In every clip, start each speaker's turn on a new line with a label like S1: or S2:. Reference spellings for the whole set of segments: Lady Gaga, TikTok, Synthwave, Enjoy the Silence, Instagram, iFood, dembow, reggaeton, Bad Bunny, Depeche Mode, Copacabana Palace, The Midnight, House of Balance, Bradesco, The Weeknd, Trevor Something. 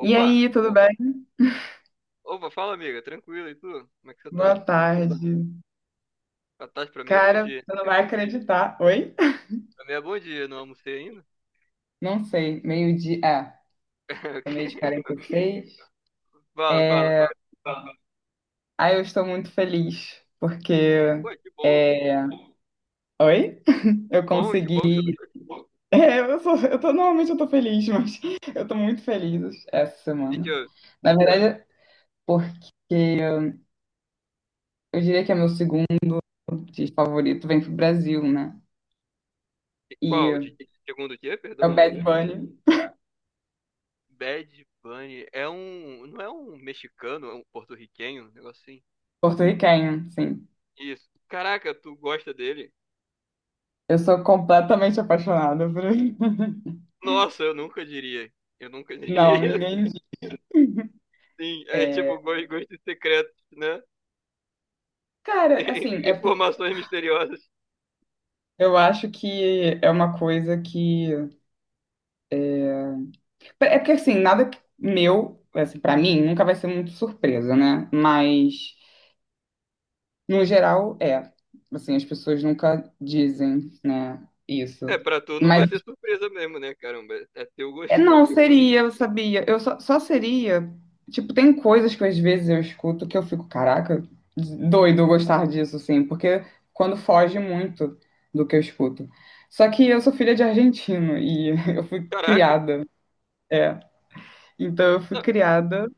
S1: E aí, tudo bem?
S2: Opa, fala amiga, tranquilo, e tu? Como é que você tá?
S1: Boa tarde.
S2: Boa tarde pra mim é bom
S1: Cara,
S2: dia.
S1: você não vai acreditar. Oi?
S2: Pra mim é bom dia, não almocei ainda?
S1: Não sei, meio-dia. É, tô meio de quarenta e seis.
S2: Fala, fala, fala.
S1: Ah, eu estou muito feliz, porque.
S2: Pô, que bom,
S1: Oi? Eu
S2: que bom, que
S1: consegui.
S2: bom que você tá.
S1: É, eu tô, normalmente eu tô feliz, mas eu tô muito feliz essa
S2: E que,
S1: semana. Na verdade, porque eu diria que é meu segundo artista favorito, vem pro Brasil, né?
S2: e qual?
S1: E
S2: Segundo o quê?
S1: é o
S2: Perdão?
S1: Bad Bunny,
S2: Bad Bunny. Não é um mexicano, é um porto-riquenho, um negócio assim.
S1: porto-riquenho, sim.
S2: Isso. Caraca, tu gosta dele?
S1: Eu sou completamente apaixonada por ele.
S2: Nossa, eu nunca diria. Eu nunca
S1: Não,
S2: diria.
S1: ninguém diz.
S2: Sim, é
S1: É,
S2: tipo gostos secretos, né?
S1: cara, assim, é porque
S2: Informações misteriosas.
S1: eu acho que é uma coisa que. É porque, assim, nada que- meu, assim, pra mim, nunca vai ser muito surpresa, né? Mas, no geral, é. Assim, as pessoas nunca dizem, né,
S2: É,
S1: isso.
S2: pra tu não
S1: Mas
S2: vai ser surpresa mesmo, né, caramba? É teu
S1: é,
S2: gosto.
S1: não seria, eu sabia. Eu só, só seria. Tipo, tem coisas que às vezes eu escuto que eu fico, caraca, doido eu gostar disso, assim, porque quando foge muito do que eu escuto. Só que eu sou filha de argentino e eu fui
S2: Caraca.
S1: criada, é. Então eu fui
S2: Não,
S1: criada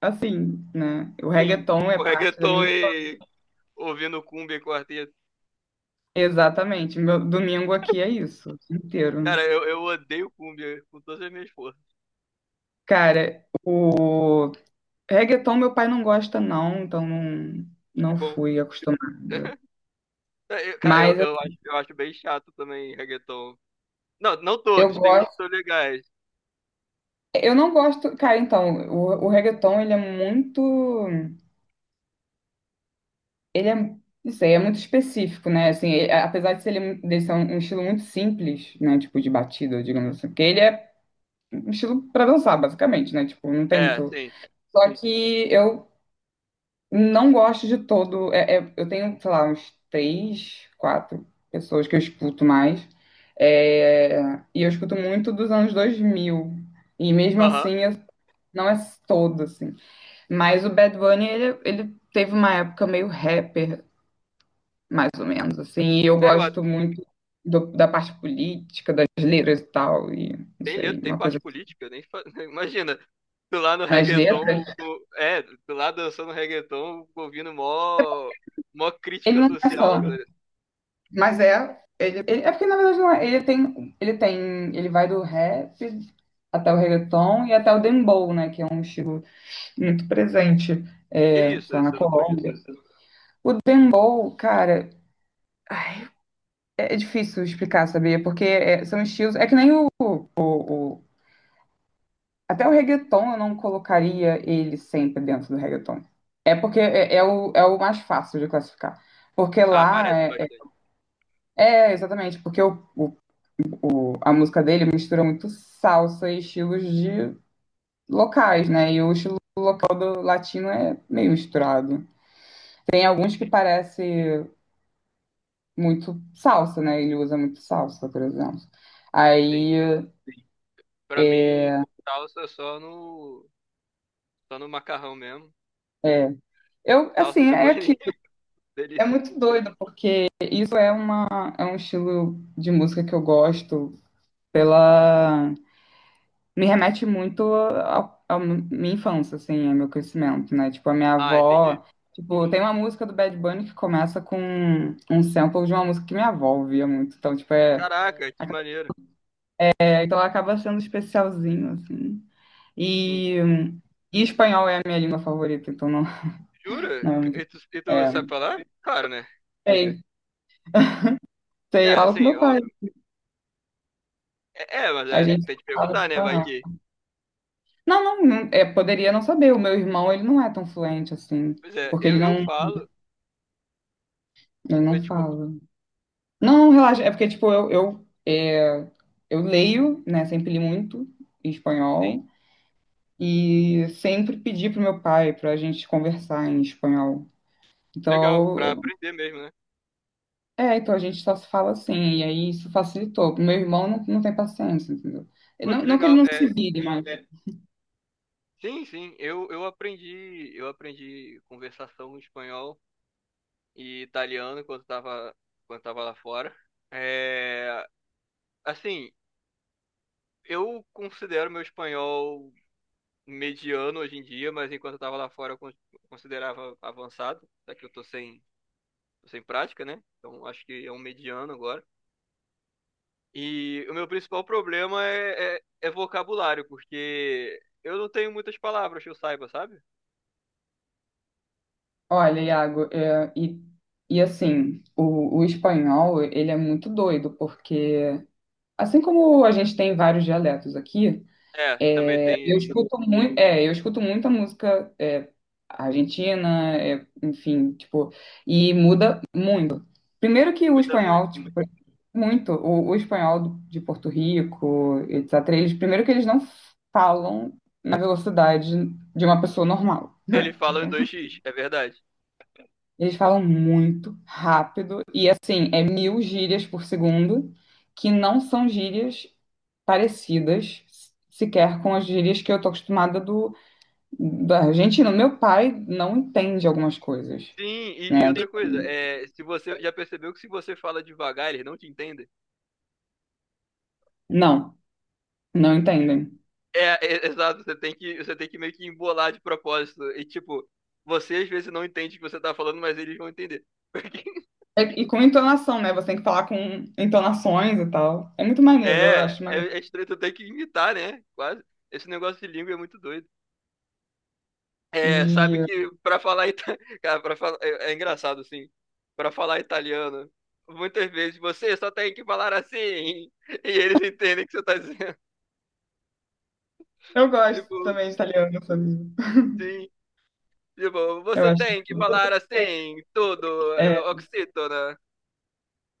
S1: assim, né? O
S2: sim,
S1: reggaeton é
S2: com
S1: parte da
S2: reggaeton
S1: minha.
S2: e ouvindo cumbia e quarteto.
S1: Exatamente. Meu domingo aqui é isso, o dia inteiro.
S2: Cara, eu odeio cumbia com todas as minhas forças.
S1: Cara, o reggaeton meu pai não gosta não, então não,
S2: Que
S1: não
S2: bom.
S1: fui acostumada.
S2: Eu, cara, eu,
S1: Mas
S2: eu
S1: assim,
S2: acho, eu acho bem chato também reggaeton. Não, não
S1: eu
S2: todos, tem uns que
S1: gosto,
S2: são legais.
S1: eu não gosto, cara, então, o reggaeton ele é muito, ele é, não sei, é muito específico, né? Assim, ele- apesar de ser, ele, mu- dele ser um, um estilo muito simples, né, tipo de batida, digamos assim, porque ele é um estilo pra dançar, basicamente, né? Tipo, não tem
S2: É,
S1: muito.
S2: sim.
S1: Só que eu não gosto de todo. É- é- eu tenho, sei lá, uns três, quatro pessoas que eu escuto mais. É, e eu escuto muito dos anos 2000. E mesmo
S2: Aham.
S1: assim, eu- não é todo, assim. Mas o Bad Bunny, ele teve uma época meio rapper, mais ou menos, assim. E eu
S2: É,
S1: gosto muito do- da parte política, das letras e tal. E, não
S2: tem
S1: sei,
S2: letra, tem
S1: uma coisa
S2: parte
S1: assim,
S2: política, nem fa- imagina. Tu lá no
S1: nas letras.
S2: reggaeton, tu lá dançando reggaeton, ouvindo mó
S1: Ele
S2: crítica
S1: não é só.
S2: social.
S1: Mas é, ele- é porque na verdade não é. Ele tem, ele tem, ele vai do rap até o reggaeton e até o dembow, né, que é um estilo muito presente,
S2: Que
S1: é,
S2: isso?
S1: sei lá, na
S2: Esse eu não conheço.
S1: Colômbia. O dembow, cara, ai, é difícil explicar, sabia? Porque é, são estilos, é que nem o, o- até o reggaeton eu não colocaria ele sempre dentro do reggaeton. É porque é, é o, é o mais fácil de classificar. Porque
S2: Ah,
S1: lá
S2: parece
S1: é, é-
S2: bastante.
S1: é, exatamente, porque o- a música dele mistura muito salsa e estilos de locais, né? E o estilo todo latino é meio misturado. Tem alguns que parece muito salsa, né? Ele usa muito salsa, por exemplo.
S2: Sim.
S1: Aí,
S2: Pra mim, salsa é só no macarrão mesmo.
S1: é. Eu, assim,
S2: Salsa,
S1: é
S2: cebolinha,
S1: aquilo. É
S2: delícia.
S1: muito doido, porque isso é, uma, é um estilo de música que eu gosto pela me remete muito à minha infância, assim, ao meu crescimento, né? Tipo, a minha
S2: Ah, entendi.
S1: avó. Tipo, tem uma música do Bad Bunny que começa com um sample de uma música que minha avó ouvia muito. Então, tipo, é.
S2: Caraca, que maneiro.
S1: É, então, ela acaba sendo especialzinho, assim.
S2: Sim.
S1: E, e espanhol é a minha língua favorita, então não,
S2: Jura?
S1: não
S2: E tu sabe falar? Claro, né?
S1: sei. Sei, eu
S2: É,
S1: falo com
S2: sim,
S1: meu pai.
S2: óbvio. É, mas
S1: A
S2: é,
S1: gente
S2: tem que
S1: fala
S2: perguntar, né? Vai
S1: espanhol.
S2: que.
S1: Não, não, não, é, poderia não saber. O meu irmão, ele não é tão fluente assim,
S2: Pois é,
S1: porque
S2: eu, eu falo.
S1: ele
S2: Eu,
S1: não
S2: desculpa.
S1: fala. Não, relaxa. É porque, tipo, eu, é, eu leio, né? Sempre li muito em
S2: Sim.
S1: espanhol. E sempre pedi pro meu pai pra gente conversar em espanhol.
S2: Legal, pra
S1: Então,
S2: aprender mesmo, né?
S1: é, então a gente só se fala assim. E aí isso facilitou. Meu irmão não, não tem paciência, entendeu?
S2: Pô,
S1: Não,
S2: que
S1: não que ele
S2: legal.
S1: não se
S2: É,
S1: vire, mas...
S2: sim, sim, eu aprendi conversação em espanhol e italiano enquanto tava lá fora. É, assim, eu considero meu espanhol mediano hoje em dia, mas enquanto eu tava lá fora eu considerava avançado, só que eu tô sem prática, né? Então acho que é um mediano agora. E o meu principal problema é vocabulário, porque eu não tenho muitas palavras que eu saiba, sabe?
S1: Olha, Iago, é, e assim, o espanhol, ele é muito doido, porque... Assim como a gente tem vários dialetos aqui...
S2: É, também
S1: Eu
S2: tem
S1: escuto muito, é, eu escuto muita música é, argentina, é, enfim, tipo, e muda muito. Primeiro que o
S2: muita, muito.
S1: espanhol, tipo, muito, o espanhol do- de Porto Rico, etc. Eles, primeiro que eles não falam na velocidade de uma pessoa normal.
S2: Ele fala em 2x, é verdade.
S1: Eles falam muito rápido e assim, é mil gírias por segundo, que não são gírias parecidas sequer com as gírias que eu tô acostumada do da Argentina. Meu pai não entende algumas coisas,
S2: Sim, e
S1: né?
S2: outra
S1: Tipo,
S2: coisa, é, se você já percebeu que se você fala devagar, eles não te entendem?
S1: não, não entendem.
S2: É, exato, você tem que meio que embolar de propósito. E tipo, você às vezes não entende o que você tá falando, mas eles vão entender. Porque
S1: É- e com entonação, né? Você tem que falar com entonações e tal. É muito maneiro, eu
S2: é,
S1: acho maneiro.
S2: é estranho, tu tem que imitar, né? Quase. Esse negócio de língua é muito doido. É, sabe
S1: E
S2: que pra falar ita... Cara, É, engraçado, assim. Pra falar italiano, muitas vezes você só tem que falar assim. E eles entendem o que você tá dizendo.
S1: eu gosto
S2: Tipo,
S1: também de italiano, sabia?
S2: sim. Tipo,
S1: Eu
S2: você
S1: acho.
S2: tem que falar assim, tudo, é,
S1: É,
S2: oxítona,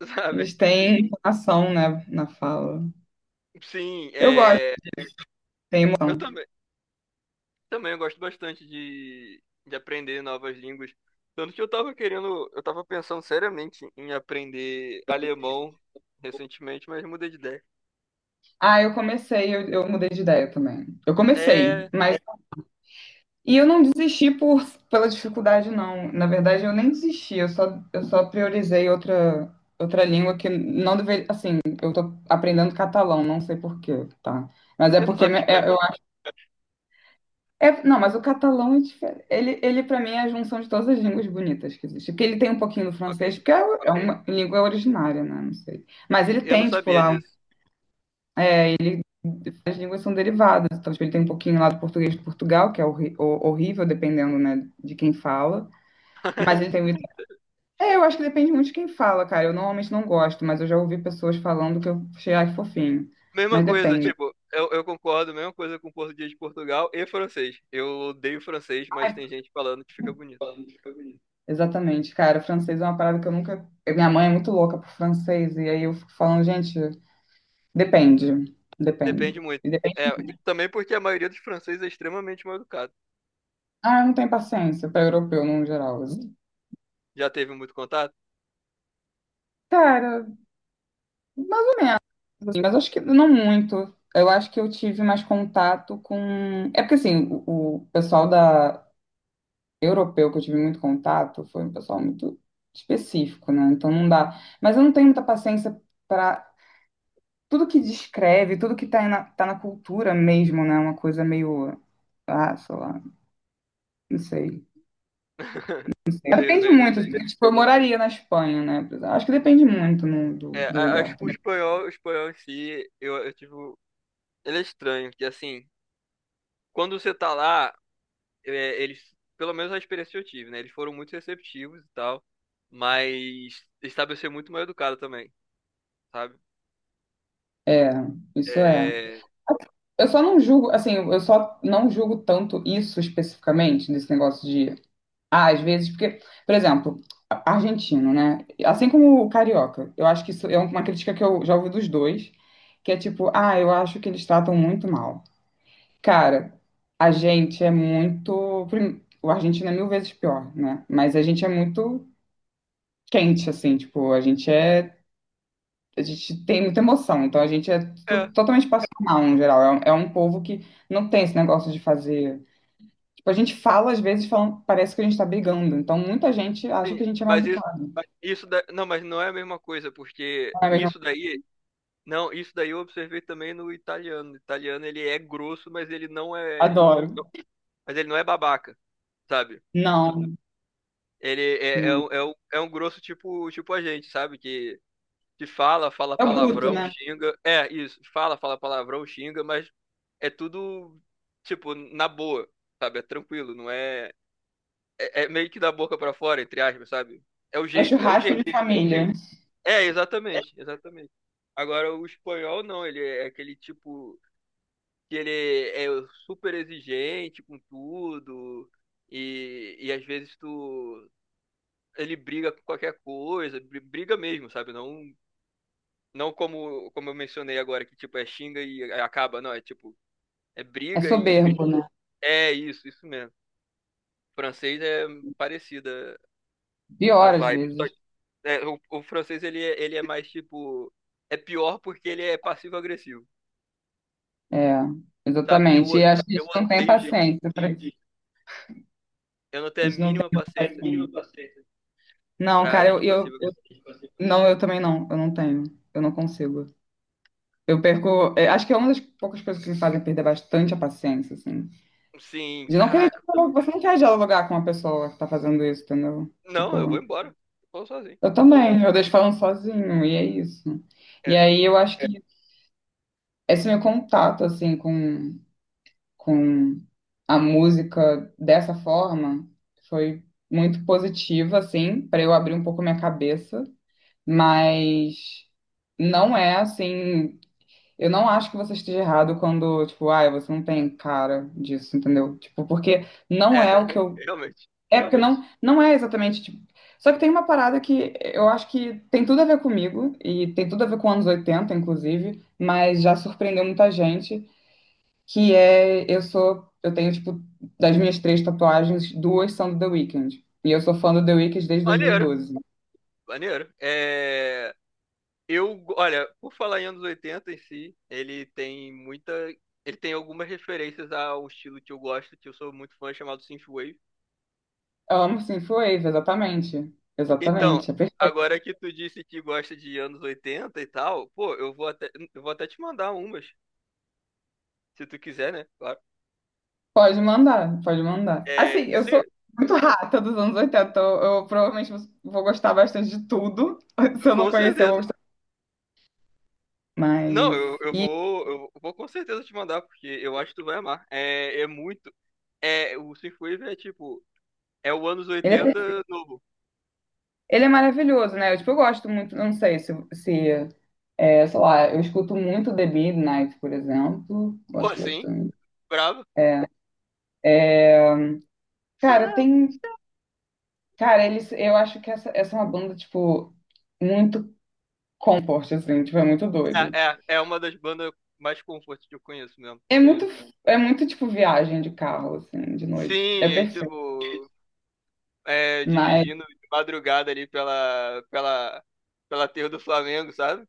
S1: eles
S2: sabe?
S1: têm entonação, né, na fala.
S2: Sim,
S1: Eu gosto,
S2: é,
S1: tem
S2: eu
S1: emoção.
S2: também eu gosto bastante de aprender novas línguas. Tanto que eu tava querendo, eu tava pensando seriamente em aprender alemão recentemente, mas mudei de ideia.
S1: Ah, eu comecei, eu mudei de ideia também. Eu comecei,
S2: É,
S1: mas e eu não desisti por, pela dificuldade, não. Na verdade, eu nem desisti, eu só priorizei outra, outra língua que não deveria. Assim, eu tô aprendendo catalão, não sei por quê, tá? Mas é
S2: você não
S1: porque
S2: sabe
S1: me- é- eu
S2: espanhol?
S1: acho. É, não, mas o catalão é diferente. Ele para mim, é a junção de todas as línguas bonitas que existem. Porque ele tem um pouquinho do
S2: Ok,
S1: francês, que é, o- é uma língua originária, né? Não sei. Mas ele
S2: eu não
S1: tem, tipo,
S2: sabia
S1: lá, um-
S2: disso.
S1: as línguas são derivadas. Então, tipo, ele tem um pouquinho lá do português de Portugal, que é horri- ho- horrível, dependendo, né, de quem fala. Mas ele tem o é, eu acho que depende muito de quem fala, cara. Eu normalmente não gosto, mas eu já ouvi pessoas falando que eu achei, ai, fofinho.
S2: Mesma
S1: Mas
S2: coisa,
S1: depende.
S2: tipo, eu concordo, mesma coisa com português de Portugal e francês. Eu odeio francês, mas
S1: Ai,
S2: tem gente falando que fica bonito.
S1: exatamente, cara. Francês é uma parada que eu nunca. Eu- minha mãe é muito louca por francês, e aí eu fico falando, gente, depende. Depende.
S2: Depende muito.
S1: E
S2: É,
S1: depende.
S2: também porque a maioria dos franceses é extremamente mal educado.
S1: Ah, eu não tenho paciência para europeu no geral.
S2: Já teve muito contato?
S1: Cara, assim, mas acho que não muito. Eu acho que eu tive mais contato com. É porque assim, o pessoal da europeu que eu tive muito contato foi um pessoal muito específico, né? Então não dá. Mas eu não tenho muita paciência para tudo que descreve, tudo que tá na, tá na cultura mesmo, né? Uma coisa meio. Ah, sei lá, não sei.
S2: Meio,
S1: Depende
S2: meio não
S1: muito.
S2: sei.
S1: Tipo, tipo, eu moraria na Espanha, né? Acho que depende muito no- do,
S2: É,
S1: do lugar
S2: acho que
S1: também.
S2: o espanhol em si, eu tive. Ele é estranho, que assim, quando você tá lá, é, eles, pelo menos a experiência que eu tive, né? Eles foram muito receptivos e tal, mas estabelecer muito mal educado também, sabe?
S1: É, isso é.
S2: É,
S1: Eu só não julgo, assim, eu só não julgo tanto isso especificamente, desse negócio de ah, às vezes, porque, por exemplo, a- argentino, né? Assim como o carioca, eu acho que isso é uma crítica que eu já ouvi dos dois, que é tipo, ah, eu acho que eles tratam muito mal. Cara, a gente é muito. Prim- o argentino é mil vezes pior, né? Mas a gente é muito quente, assim, tipo, a gente é. A gente tem muita emoção, então a gente é to-
S2: é,
S1: totalmente passional, no geral. É um povo que não tem esse negócio de fazer. Tipo, a gente fala, às vezes, falando, parece que a gente tá brigando. Então, muita gente acha que
S2: sim,
S1: a gente é mal
S2: mas isso da, não, mas não é a mesma coisa, porque
S1: na mesma.
S2: isso daí. Não, isso daí eu observei também no italiano. O italiano ele é grosso, mas ele não é,
S1: Adoro.
S2: não- mas ele não é babaca, sabe?
S1: Não,
S2: Ele é, é,
S1: não.
S2: um- é, um, é um grosso tipo, tipo a gente, sabe? Que fala
S1: É o bruto,
S2: palavrão,
S1: né?
S2: xinga. É, isso, fala palavrão, xinga, mas é tudo, tipo, na boa, sabe? É tranquilo, não é. É, meio que da boca pra fora, entre aspas, sabe? É o
S1: É
S2: jeito, é o
S1: churrasco
S2: jeito.
S1: de família.
S2: É, exatamente, exatamente. Agora o espanhol não, ele é aquele tipo que ele é super exigente com tudo e às vezes tu ele briga com qualquer coisa, briga mesmo, sabe? Não, não como como eu mencionei agora, que tipo é xinga e acaba, não, é tipo é
S1: É
S2: briga e
S1: soberbo, né?
S2: é isso, isso mesmo. O francês é parecida a
S1: Pior às
S2: vibe. Só
S1: vezes.
S2: que, é, o francês ele é mais tipo, é pior porque ele é passivo-agressivo,
S1: É,
S2: sabe? E eu
S1: exatamente. E acho que a
S2: eu
S1: gente não tem
S2: odeio gente.
S1: paciência para isso.
S2: Eu não tenho
S1: A
S2: a
S1: gente não
S2: mínima paciência
S1: tem paciência. Não,
S2: pra
S1: cara,
S2: gente
S1: eu, eu,
S2: passiva.
S1: eu- não, eu também não. Eu não tenho. Eu não consigo. Eu perco. É, acho que é uma das poucas coisas que me fazem perder bastante a paciência, assim.
S2: Sim,
S1: De não querer
S2: caraca.
S1: dialogar. Você não quer dialogar com uma pessoa que tá fazendo isso, entendeu?
S2: Não, eu vou
S1: Tipo.
S2: embora. Eu vou sozinho.
S1: Eu também, eu deixo falando sozinho, e é isso. E
S2: É,
S1: aí eu acho que esse meu contato, assim, com a música dessa forma foi muito positivo, assim, para eu abrir um pouco minha cabeça, mas não é assim. Eu não acho que você esteja errado quando, tipo, ai, você não tem cara disso, entendeu? Tipo, porque
S2: é,
S1: não é o que eu
S2: realmente.
S1: é, porque não, não é exatamente tipo. Só que tem uma parada que eu acho que tem tudo a ver comigo, e tem tudo a ver com anos 80 inclusive, mas já surpreendeu muita gente, que é eu sou, eu tenho, tipo, das minhas três tatuagens, duas são do The Weeknd. E eu sou fã do The Weeknd desde
S2: Maneiro,
S1: 2012.
S2: maneiro. É, eu, olha, por falar em anos 80 em si, ele tem muita. Ele tem algumas referências a um estilo que eu gosto, que eu sou muito fã, chamado Synthwave.
S1: Amo Synthwave, exatamente.
S2: Então,
S1: Exatamente, é perfeito.
S2: agora que tu disse que gosta de anos 80 e tal, pô, eu vou até te mandar umas, se tu quiser, né? Claro.
S1: Pode mandar, pode mandar. Assim,
S2: É,
S1: eu
S2: sim,
S1: sou muito rata dos anos 80 então eu provavelmente vou gostar bastante de tudo. Se eu não
S2: com
S1: conhecer, eu vou
S2: certeza.
S1: gostar.
S2: Não, eu,
S1: Mas
S2: eu vou, eu vou com certeza te mandar, porque eu acho que tu vai amar. É, é muito. É, o Synthwave é tipo, é o anos
S1: ele é,
S2: oitenta
S1: perfe-
S2: novo.
S1: ele é maravilhoso, né? Eu, tipo, eu gosto muito, eu não sei se, se é, sei lá, eu escuto muito The Midnight, por exemplo.
S2: Pô,
S1: Gosto
S2: sim,
S1: bastante.
S2: bravo.
S1: É. Cara, tem. Cara, eles, eu acho que essa é uma banda, tipo, muito comfort, assim, tipo, é muito doido.
S2: É, uma das bandas mais comfort que eu conheço mesmo.
S1: É muito, é muito, tipo, viagem de carro, assim, de noite. É
S2: Sim, é
S1: perfeito.
S2: tipo, é,
S1: Mas
S2: dirigindo de madrugada ali pela terra do Flamengo, sabe?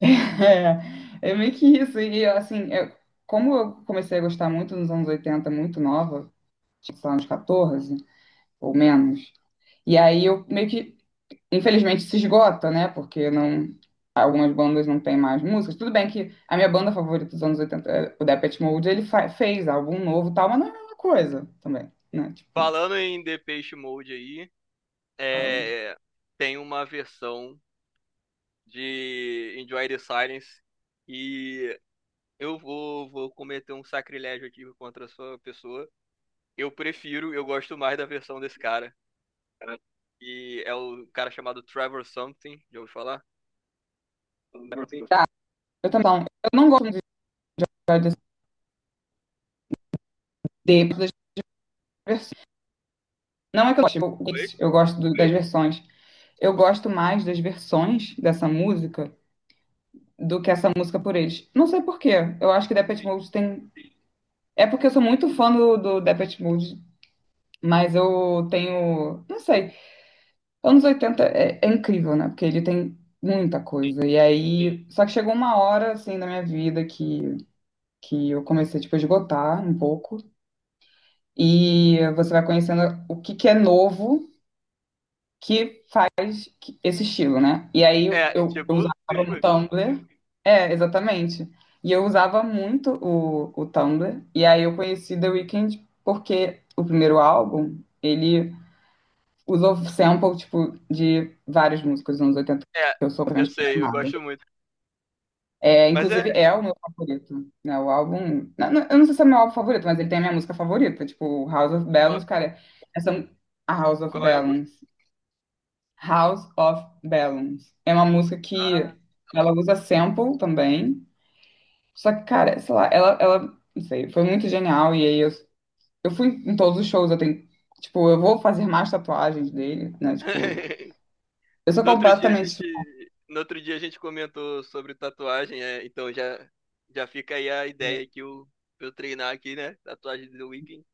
S1: é, é meio que isso. E assim, eu- como eu comecei a gostar muito nos anos 80, muito nova, tipo, sei lá, uns 14 ou menos, e aí eu meio que, infelizmente, se esgota, né? Porque não, algumas bandas não têm mais músicas. Tudo bem que a minha banda favorita dos anos 80, é o Depeche Mode, ele fa- fez álbum novo e tal, mas não é a mesma coisa também, né? Tipo,
S2: Falando em Depeche Mode aí, é, tem uma versão de Enjoy the Silence. E eu vou cometer um sacrilégio aqui contra a sua pessoa. Eu prefiro, eu gosto mais da versão desse cara. E é o cara chamado Trevor Something, já ouviu falar?
S1: eu também não, eu não gosto muito das de- das versões. Não é que
S2: Foi?
S1: eu gosto do- das versões. Eu gosto mais das versões dessa música do que essa música por eles. Não sei por quê. Eu acho que Depeche
S2: Sim,
S1: Mode tem. É porque eu sou muito fã do, do Depeche Mode. Mas eu tenho, não sei, anos 80 é, é incrível, né? Porque ele tem muita
S2: sim.
S1: coisa. E aí, só que chegou uma hora, assim, na minha vida que eu comecei, tipo, a esgotar um pouco. E você vai conhecendo o que que é novo que esse estilo, né? E aí
S2: É, é
S1: eu
S2: tipo,
S1: usava o Tumblr. É, exatamente. E eu usava muito o Tumblr. E aí eu conheci The Weeknd porque o primeiro álbum, ele usou sample, tipo, de vários músicos dos anos 80 que
S2: é,
S1: eu sou
S2: eu sei, eu
S1: transformada.
S2: gosto muito.
S1: É,
S2: Mas é,
S1: inclusive, é o meu favorito, né? O álbum... Não, não, eu não sei se é o meu álbum favorito, mas ele tem a minha música favorita, tipo, House of Balance,
S2: qual,
S1: cara. Essa... A House of
S2: qual é a música?
S1: Balance. House of Balance. É uma música que
S2: Ah.
S1: ela usa sample também. Só que, cara, sei lá, ela, não sei, foi muito genial. E aí eu fui em todos os shows, eu tenho, tipo, eu vou fazer mais tatuagens dele, né? Tipo, eu sou
S2: No outro dia a
S1: completamente
S2: gente, no outro dia a gente comentou sobre tatuagem, é, então já, já fica aí a ideia que eu treinar aqui, né? Tatuagem do The Weeknd.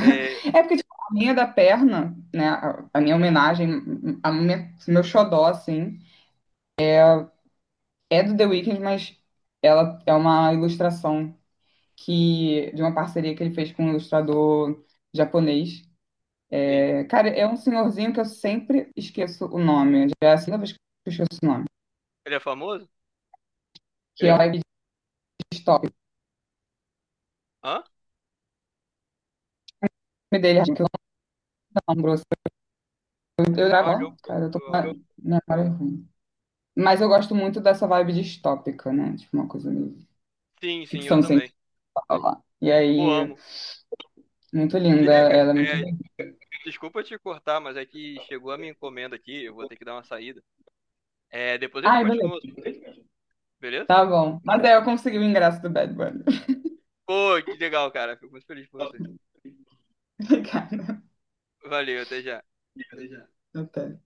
S2: É,
S1: é porque, tipo, a minha da perna, né? A minha homenagem, a minha, meu xodó, assim, é do The Weeknd, mas ela é uma ilustração que, de uma parceria que ele fez com um ilustrador japonês.
S2: sim.
S1: É, cara, é um senhorzinho que eu sempre esqueço o nome. Já é a segunda vez que eu esqueço o nome.
S2: Ele é famoso?
S1: Que é o Live de Stop. O
S2: Hã?
S1: nome dele, que eu não lembro. Eu
S2: Falhou
S1: gravo,
S2: um pouco
S1: cara, eu tô
S2: do
S1: com uma
S2: áudio.
S1: memória ruim. Mas eu gosto muito dessa vibe distópica, né? Tipo, uma coisa meio
S2: Sim, sim, eu
S1: ficção
S2: também.
S1: aula. E
S2: Pô,
S1: aí,
S2: amo.
S1: muito
S2: Se
S1: linda,
S2: liga,
S1: ela é muito
S2: é,
S1: bonita.
S2: desculpa te cortar, mas é que chegou a minha encomenda aqui, eu vou ter que dar uma saída. É, depois a gente
S1: Ai, beleza,
S2: continua, beleza?
S1: tá bom. Mas aí eu consegui o ingresso do Bad Bunny.
S2: Pô, que legal, cara. Fico muito feliz por você.
S1: Obrigada.
S2: Valeu, até já.
S1: Até.